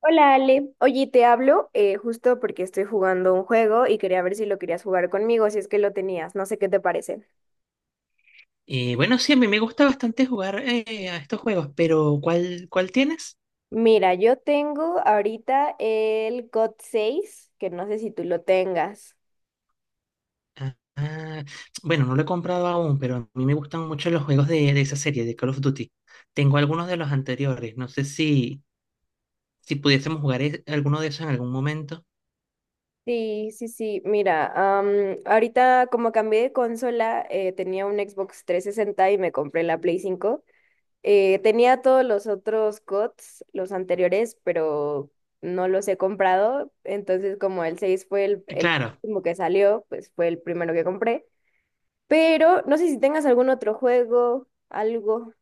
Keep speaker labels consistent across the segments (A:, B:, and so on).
A: Hola Ale, oye, te hablo justo porque estoy jugando un juego y quería ver si lo querías jugar conmigo, si es que lo tenías, no sé qué te parece.
B: Y bueno, sí, a mí me gusta bastante jugar a estos juegos, pero ¿cuál tienes?
A: Mira, yo tengo ahorita el COD 6, que no sé si tú lo tengas.
B: Ah, ah, bueno, no lo he comprado aún, pero a mí me gustan mucho los juegos de esa serie, de Call of Duty. Tengo algunos de los anteriores, no sé si pudiésemos jugar alguno de esos en algún momento.
A: Sí, sí, sí, mira, ahorita como cambié de consola, tenía un Xbox 360 y me compré la Play 5. Tenía todos los otros COTS, los anteriores, pero no los he comprado. Entonces, como el 6 fue
B: Ah,
A: el
B: claro,
A: último que salió, pues fue el primero que compré. Pero no sé si tengas algún otro juego, algo.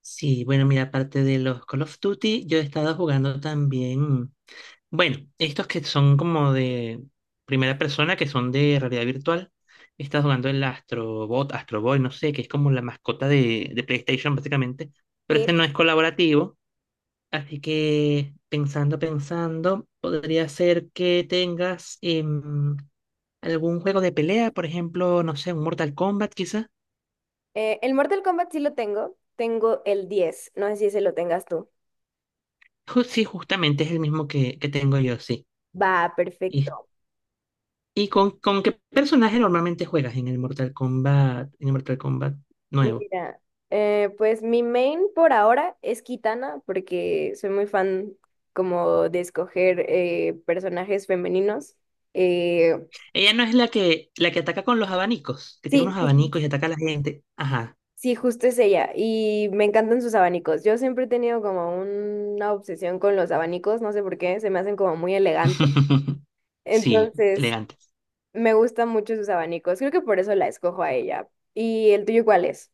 B: sí, bueno, mira, aparte de los Call of Duty, yo he estado jugando también. Bueno, estos que son como de primera persona, que son de realidad virtual. Estás jugando el Astrobot, Astroboy, no sé, que es como la mascota de PlayStation, básicamente. Pero
A: Sí.
B: este no es colaborativo. Así que, pensando, podría ser que tengas algún juego de pelea, por ejemplo, no sé, un Mortal Kombat, quizá.
A: El Mortal Kombat sí lo tengo. Tengo el diez. No sé si ese lo tengas tú.
B: Sí, justamente es el mismo que tengo yo, sí.
A: Va,
B: ¿Y,
A: perfecto.
B: y con qué personaje normalmente juegas en el Mortal Kombat, en el Mortal Kombat nuevo?
A: Mira, pues mi main por ahora es Kitana, porque soy muy fan como de escoger personajes femeninos. Eh,
B: Ella no es la la que ataca con los abanicos, que tiene
A: sí,
B: unos
A: sí, sí,
B: abanicos y ataca a la gente. Ajá.
A: sí, justo es ella. Y me encantan sus abanicos. Yo siempre he tenido como una obsesión con los abanicos, no sé por qué, se me hacen como muy elegantes.
B: Sí,
A: Entonces,
B: elegante.
A: me gustan mucho sus abanicos. Creo que por eso la escojo a ella. ¿Y el tuyo cuál es?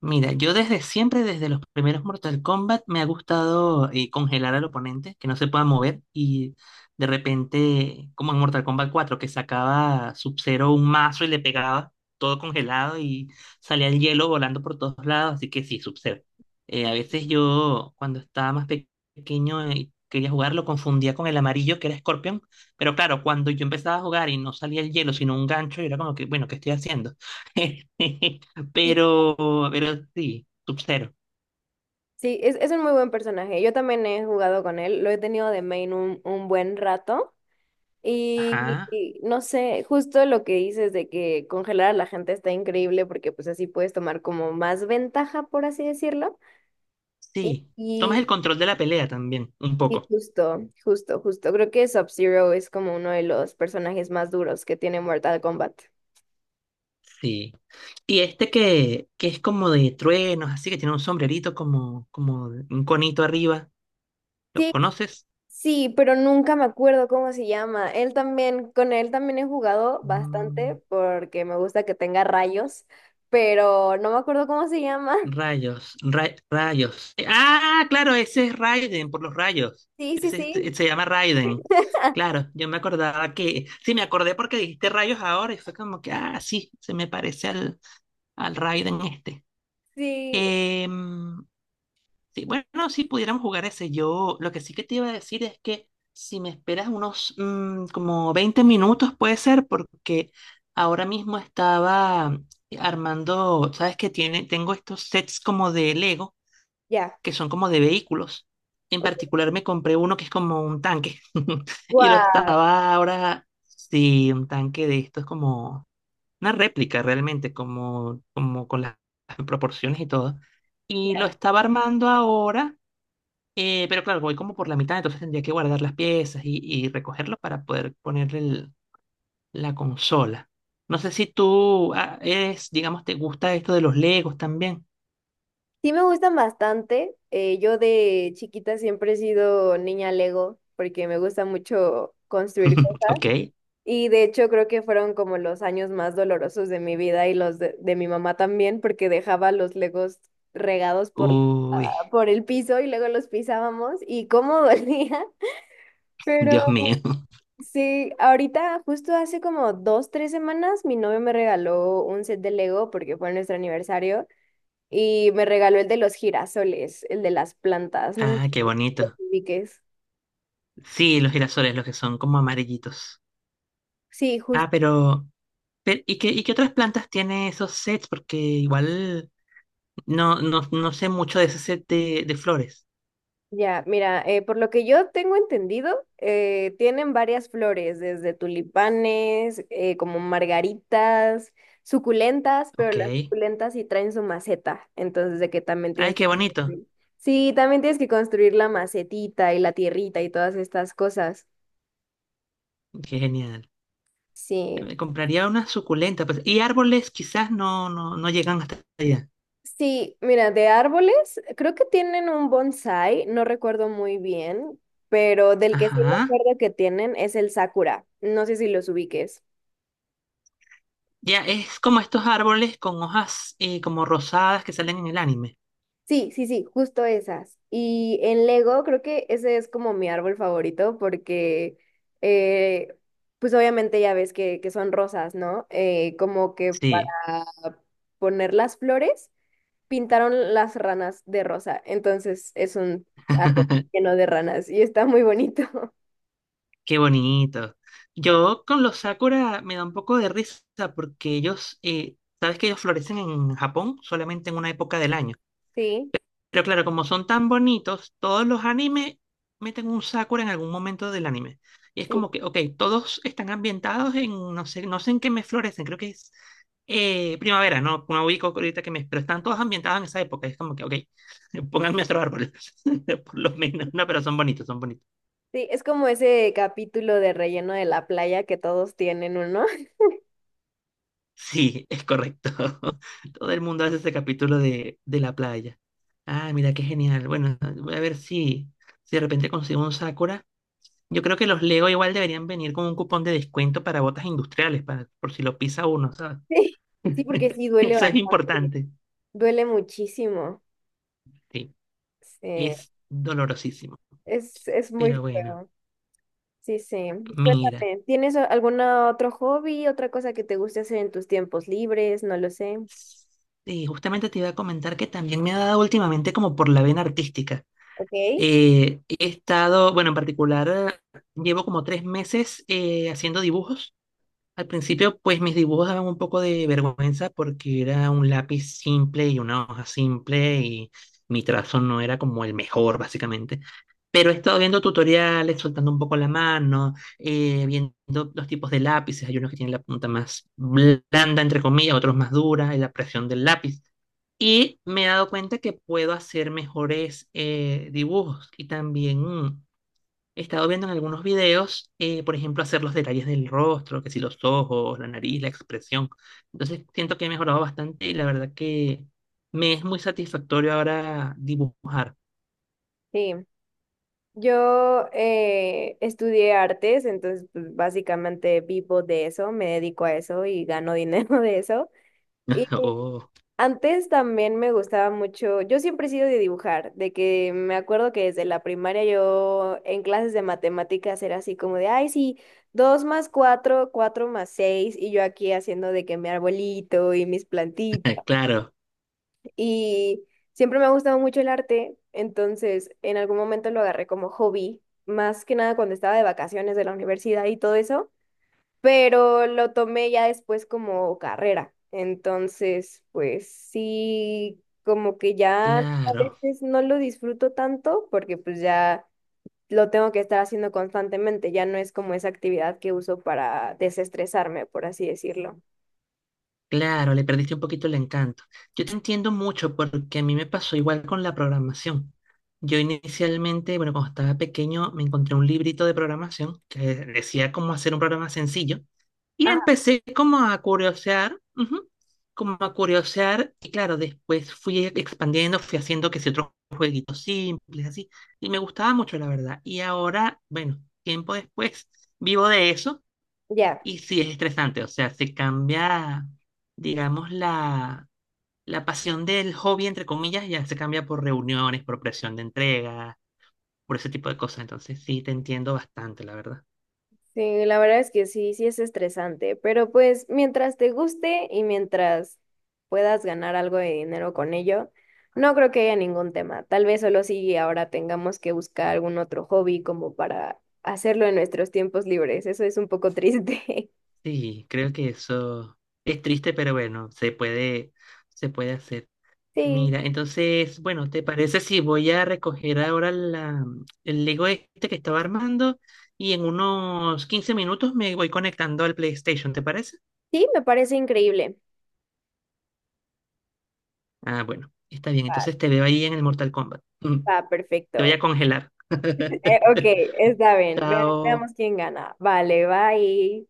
B: Mira, yo desde siempre, desde los primeros Mortal Kombat, me ha gustado congelar al oponente, que no se pueda mover y de repente, como en Mortal Kombat 4, que sacaba Sub-Zero un mazo y le pegaba todo congelado y salía el hielo volando por todos lados, así que sí, Sub-Zero. A veces yo, cuando estaba más pequeño y quería jugar, lo confundía con el amarillo, que era Scorpion, pero claro, cuando yo empezaba a jugar y no salía el hielo, sino un gancho, yo era como que, bueno, ¿qué estoy haciendo? Pero, pero sí, Sub-Zero.
A: Sí, es un muy buen personaje. Yo también he jugado con él. Lo he tenido de main un buen rato. Y,
B: Ajá,
A: y no sé, justo lo que dices de que congelar a la gente está increíble porque pues así puedes tomar como más ventaja, por así decirlo. Y,
B: sí. Tomas
A: y,
B: el control de la pelea también, un
A: y
B: poco.
A: justo, justo, justo. Creo que Sub-Zero es como uno de los personajes más duros que tiene Mortal Kombat.
B: Sí. Y este que es como de truenos, así que tiene un sombrerito como un conito arriba. ¿Lo
A: Sí.
B: conoces?
A: Sí, pero nunca me acuerdo cómo se llama. Él también, con él también he jugado bastante
B: Mm,
A: porque me gusta que tenga rayos, pero no me acuerdo cómo se llama.
B: rayos, rayos. Ah, claro, ese es Raiden, por los rayos.
A: Sí, sí, sí,
B: Se llama Raiden. Claro, yo me acordaba que. Sí, me acordé porque dijiste rayos ahora y fue como que, ah, sí, se me parece al, al Raiden este.
A: sí,
B: Em, sí, bueno, sí pudiéramos jugar ese. Yo lo que sí que te iba a decir es que si me esperas unos como 20 minutos puede ser porque ahora mismo estaba armando, sabes que tiene, tengo estos sets como de Lego
A: ya.
B: que son como de vehículos. En particular me compré uno que es como un tanque y lo
A: Wow.
B: estaba ahora, sí, un tanque de estos como una réplica realmente, como con las proporciones y todo. Y lo estaba armando ahora, pero claro, voy como por la mitad, entonces tendría que guardar las piezas y recogerlo para poder ponerle la consola. No sé si tú eres, digamos, te gusta esto de los Legos también.
A: Sí, me gustan bastante. Yo de chiquita siempre he sido niña Lego porque me gusta mucho construir.
B: Ok.
A: Y de hecho creo que fueron como los años más dolorosos de mi vida y los de mi mamá también, porque dejaba los legos regados por,
B: Uy,
A: ah, por el piso y luego los pisábamos y cómo dolía. Pero
B: Dios mío.
A: sí, ahorita justo hace como dos, tres semanas mi novio me regaló un set de Lego porque fue nuestro aniversario y me regaló el de los girasoles, el de las plantas, no sé si
B: Ah, qué bonito.
A: lo ubiques.
B: Sí, los girasoles, los que son como amarillitos.
A: Sí,
B: Ah, pero, y qué otras plantas tiene esos sets? Porque igual no, no sé mucho de ese set de flores.
A: ya, mira, por lo que yo tengo entendido, tienen varias flores, desde tulipanes, como margaritas, suculentas, pero
B: Ok.
A: las suculentas sí traen su maceta, entonces de que también
B: Ay,
A: tienes que
B: qué bonito.
A: construir. Sí, también tienes que construir la macetita y la tierrita y todas estas cosas.
B: Qué genial.
A: Sí,
B: Me compraría una suculenta, pues, y árboles quizás no, no llegan hasta allá.
A: sí, mira, de árboles, creo que tienen un bonsai, no recuerdo muy bien, pero del que sí me
B: Ajá.
A: acuerdo que tienen es el sakura, no sé si los ubiques.
B: Ya, es como estos árboles con hojas como rosadas que salen en el anime.
A: Sí, sí, sí, justo esas. Y en Lego creo que ese es como mi árbol favorito porque, eh, pues obviamente ya ves que son rosas, ¿no? Como que para
B: Sí.
A: poner las flores pintaron las ranas de rosa. Entonces es un árbol lleno de ranas y está muy bonito.
B: Qué bonito. Yo con los sakura me da un poco de risa porque ellos, sabes que ellos florecen en Japón solamente en una época del año.
A: Sí,
B: Pero claro, como son tan bonitos, todos los animes meten un Sakura en algún momento del anime. Y es
A: sí,
B: como que, ok, todos están ambientados en, no sé, no sé en qué mes florecen, creo que es primavera, no, no ubico ahorita que mes, pero están todos ambientados en esa época. Es como que, ok, pónganme otro árbol, por lo menos. No, pero son bonitos, son bonitos.
A: sí, es como ese capítulo de relleno de la playa que todos tienen uno.
B: Sí, es correcto. Todo el mundo hace ese capítulo de la playa. Ah, mira, qué genial. Bueno, voy a ver si, si de repente consigo un Sakura. Yo creo que los Lego igual deberían venir con un cupón de descuento para botas industriales, para, por si lo pisa uno, ¿sabes?
A: Sí, sí, porque sí duele
B: Eso es
A: bastante,
B: importante.
A: duele muchísimo.
B: Sí,
A: Sí.
B: es dolorosísimo.
A: Es
B: Pero
A: muy
B: bueno,
A: feo. Sí, sí.
B: mira.
A: Cuéntame, ¿tienes algún otro hobby, otra cosa que te guste hacer en tus tiempos libres? No lo sé.
B: Sí, justamente te iba a comentar que también me ha dado últimamente como por la vena artística.
A: Ok.
B: He estado, bueno, en particular, llevo como 3 meses haciendo dibujos. Al principio, pues mis dibujos daban un poco de vergüenza porque era un lápiz simple y una hoja simple y mi trazo no era como el mejor, básicamente. Pero he estado viendo tutoriales, soltando un poco la mano, viendo los tipos de lápices. Hay unos que tienen la punta más blanda, entre comillas, otros más dura, y la presión del lápiz. Y me he dado cuenta que puedo hacer mejores dibujos y también he estado viendo en algunos videos, por ejemplo, hacer los detalles del rostro, que si los ojos, la nariz, la expresión. Entonces siento que he mejorado bastante y la verdad que me es muy satisfactorio ahora dibujar.
A: Sí. Yo estudié artes, entonces pues, básicamente vivo de eso, me dedico a eso y gano dinero de eso.
B: Oh,
A: Antes también me gustaba mucho, yo siempre he sido de dibujar, de que me acuerdo que desde la primaria yo en clases de matemáticas era así como de, ay, sí, dos más cuatro, cuatro más seis, y yo aquí haciendo de que mi arbolito y mis plantitas.
B: claro,
A: Y siempre me ha gustado mucho el arte, entonces en algún momento lo agarré como hobby, más que nada cuando estaba de vacaciones de la universidad y todo eso, pero lo tomé ya después como carrera. Entonces, pues sí, como que ya a
B: claro.
A: veces no lo disfruto tanto porque pues ya lo tengo que estar haciendo constantemente, ya no es como esa actividad que uso para desestresarme, por así decirlo.
B: Claro, le perdiste un poquito el encanto. Yo te entiendo mucho porque a mí me pasó igual con la programación. Yo inicialmente, bueno, cuando estaba pequeño, me encontré un librito de programación que decía cómo hacer un programa sencillo y
A: Ajá,
B: empecé como a curiosear, ujú, como a curiosear y claro, después fui expandiendo, fui haciendo que si otros jueguitos simples, así, y me gustaba mucho, la verdad. Y ahora, bueno, tiempo después, vivo de eso.
A: ya.
B: Y sí, es estresante, o sea, se cambia, digamos, la pasión del hobby, entre comillas, ya se cambia por reuniones, por presión de entrega, por ese tipo de cosas. Entonces, sí, te entiendo bastante, la verdad.
A: Sí, la verdad es que sí, sí es estresante, pero pues mientras te guste y mientras puedas ganar algo de dinero con ello, no creo que haya ningún tema. Tal vez solo si ahora tengamos que buscar algún otro hobby como para hacerlo en nuestros tiempos libres. Eso es un poco triste.
B: Sí, creo que eso es triste, pero bueno, se puede hacer.
A: Sí,
B: Mira, entonces, bueno, ¿te parece si voy a recoger ahora el Lego este que estaba armando y en unos 15 minutos me voy conectando al PlayStation? ¿Te parece?
A: sí, me parece increíble.
B: Ah, bueno, está bien.
A: Vale,
B: Entonces te veo ahí en el Mortal Kombat. Mm,
A: va,
B: te voy a
A: perfecto.
B: congelar.
A: Ok, está bien.
B: Chao.
A: Veamos quién gana. Vale, bye.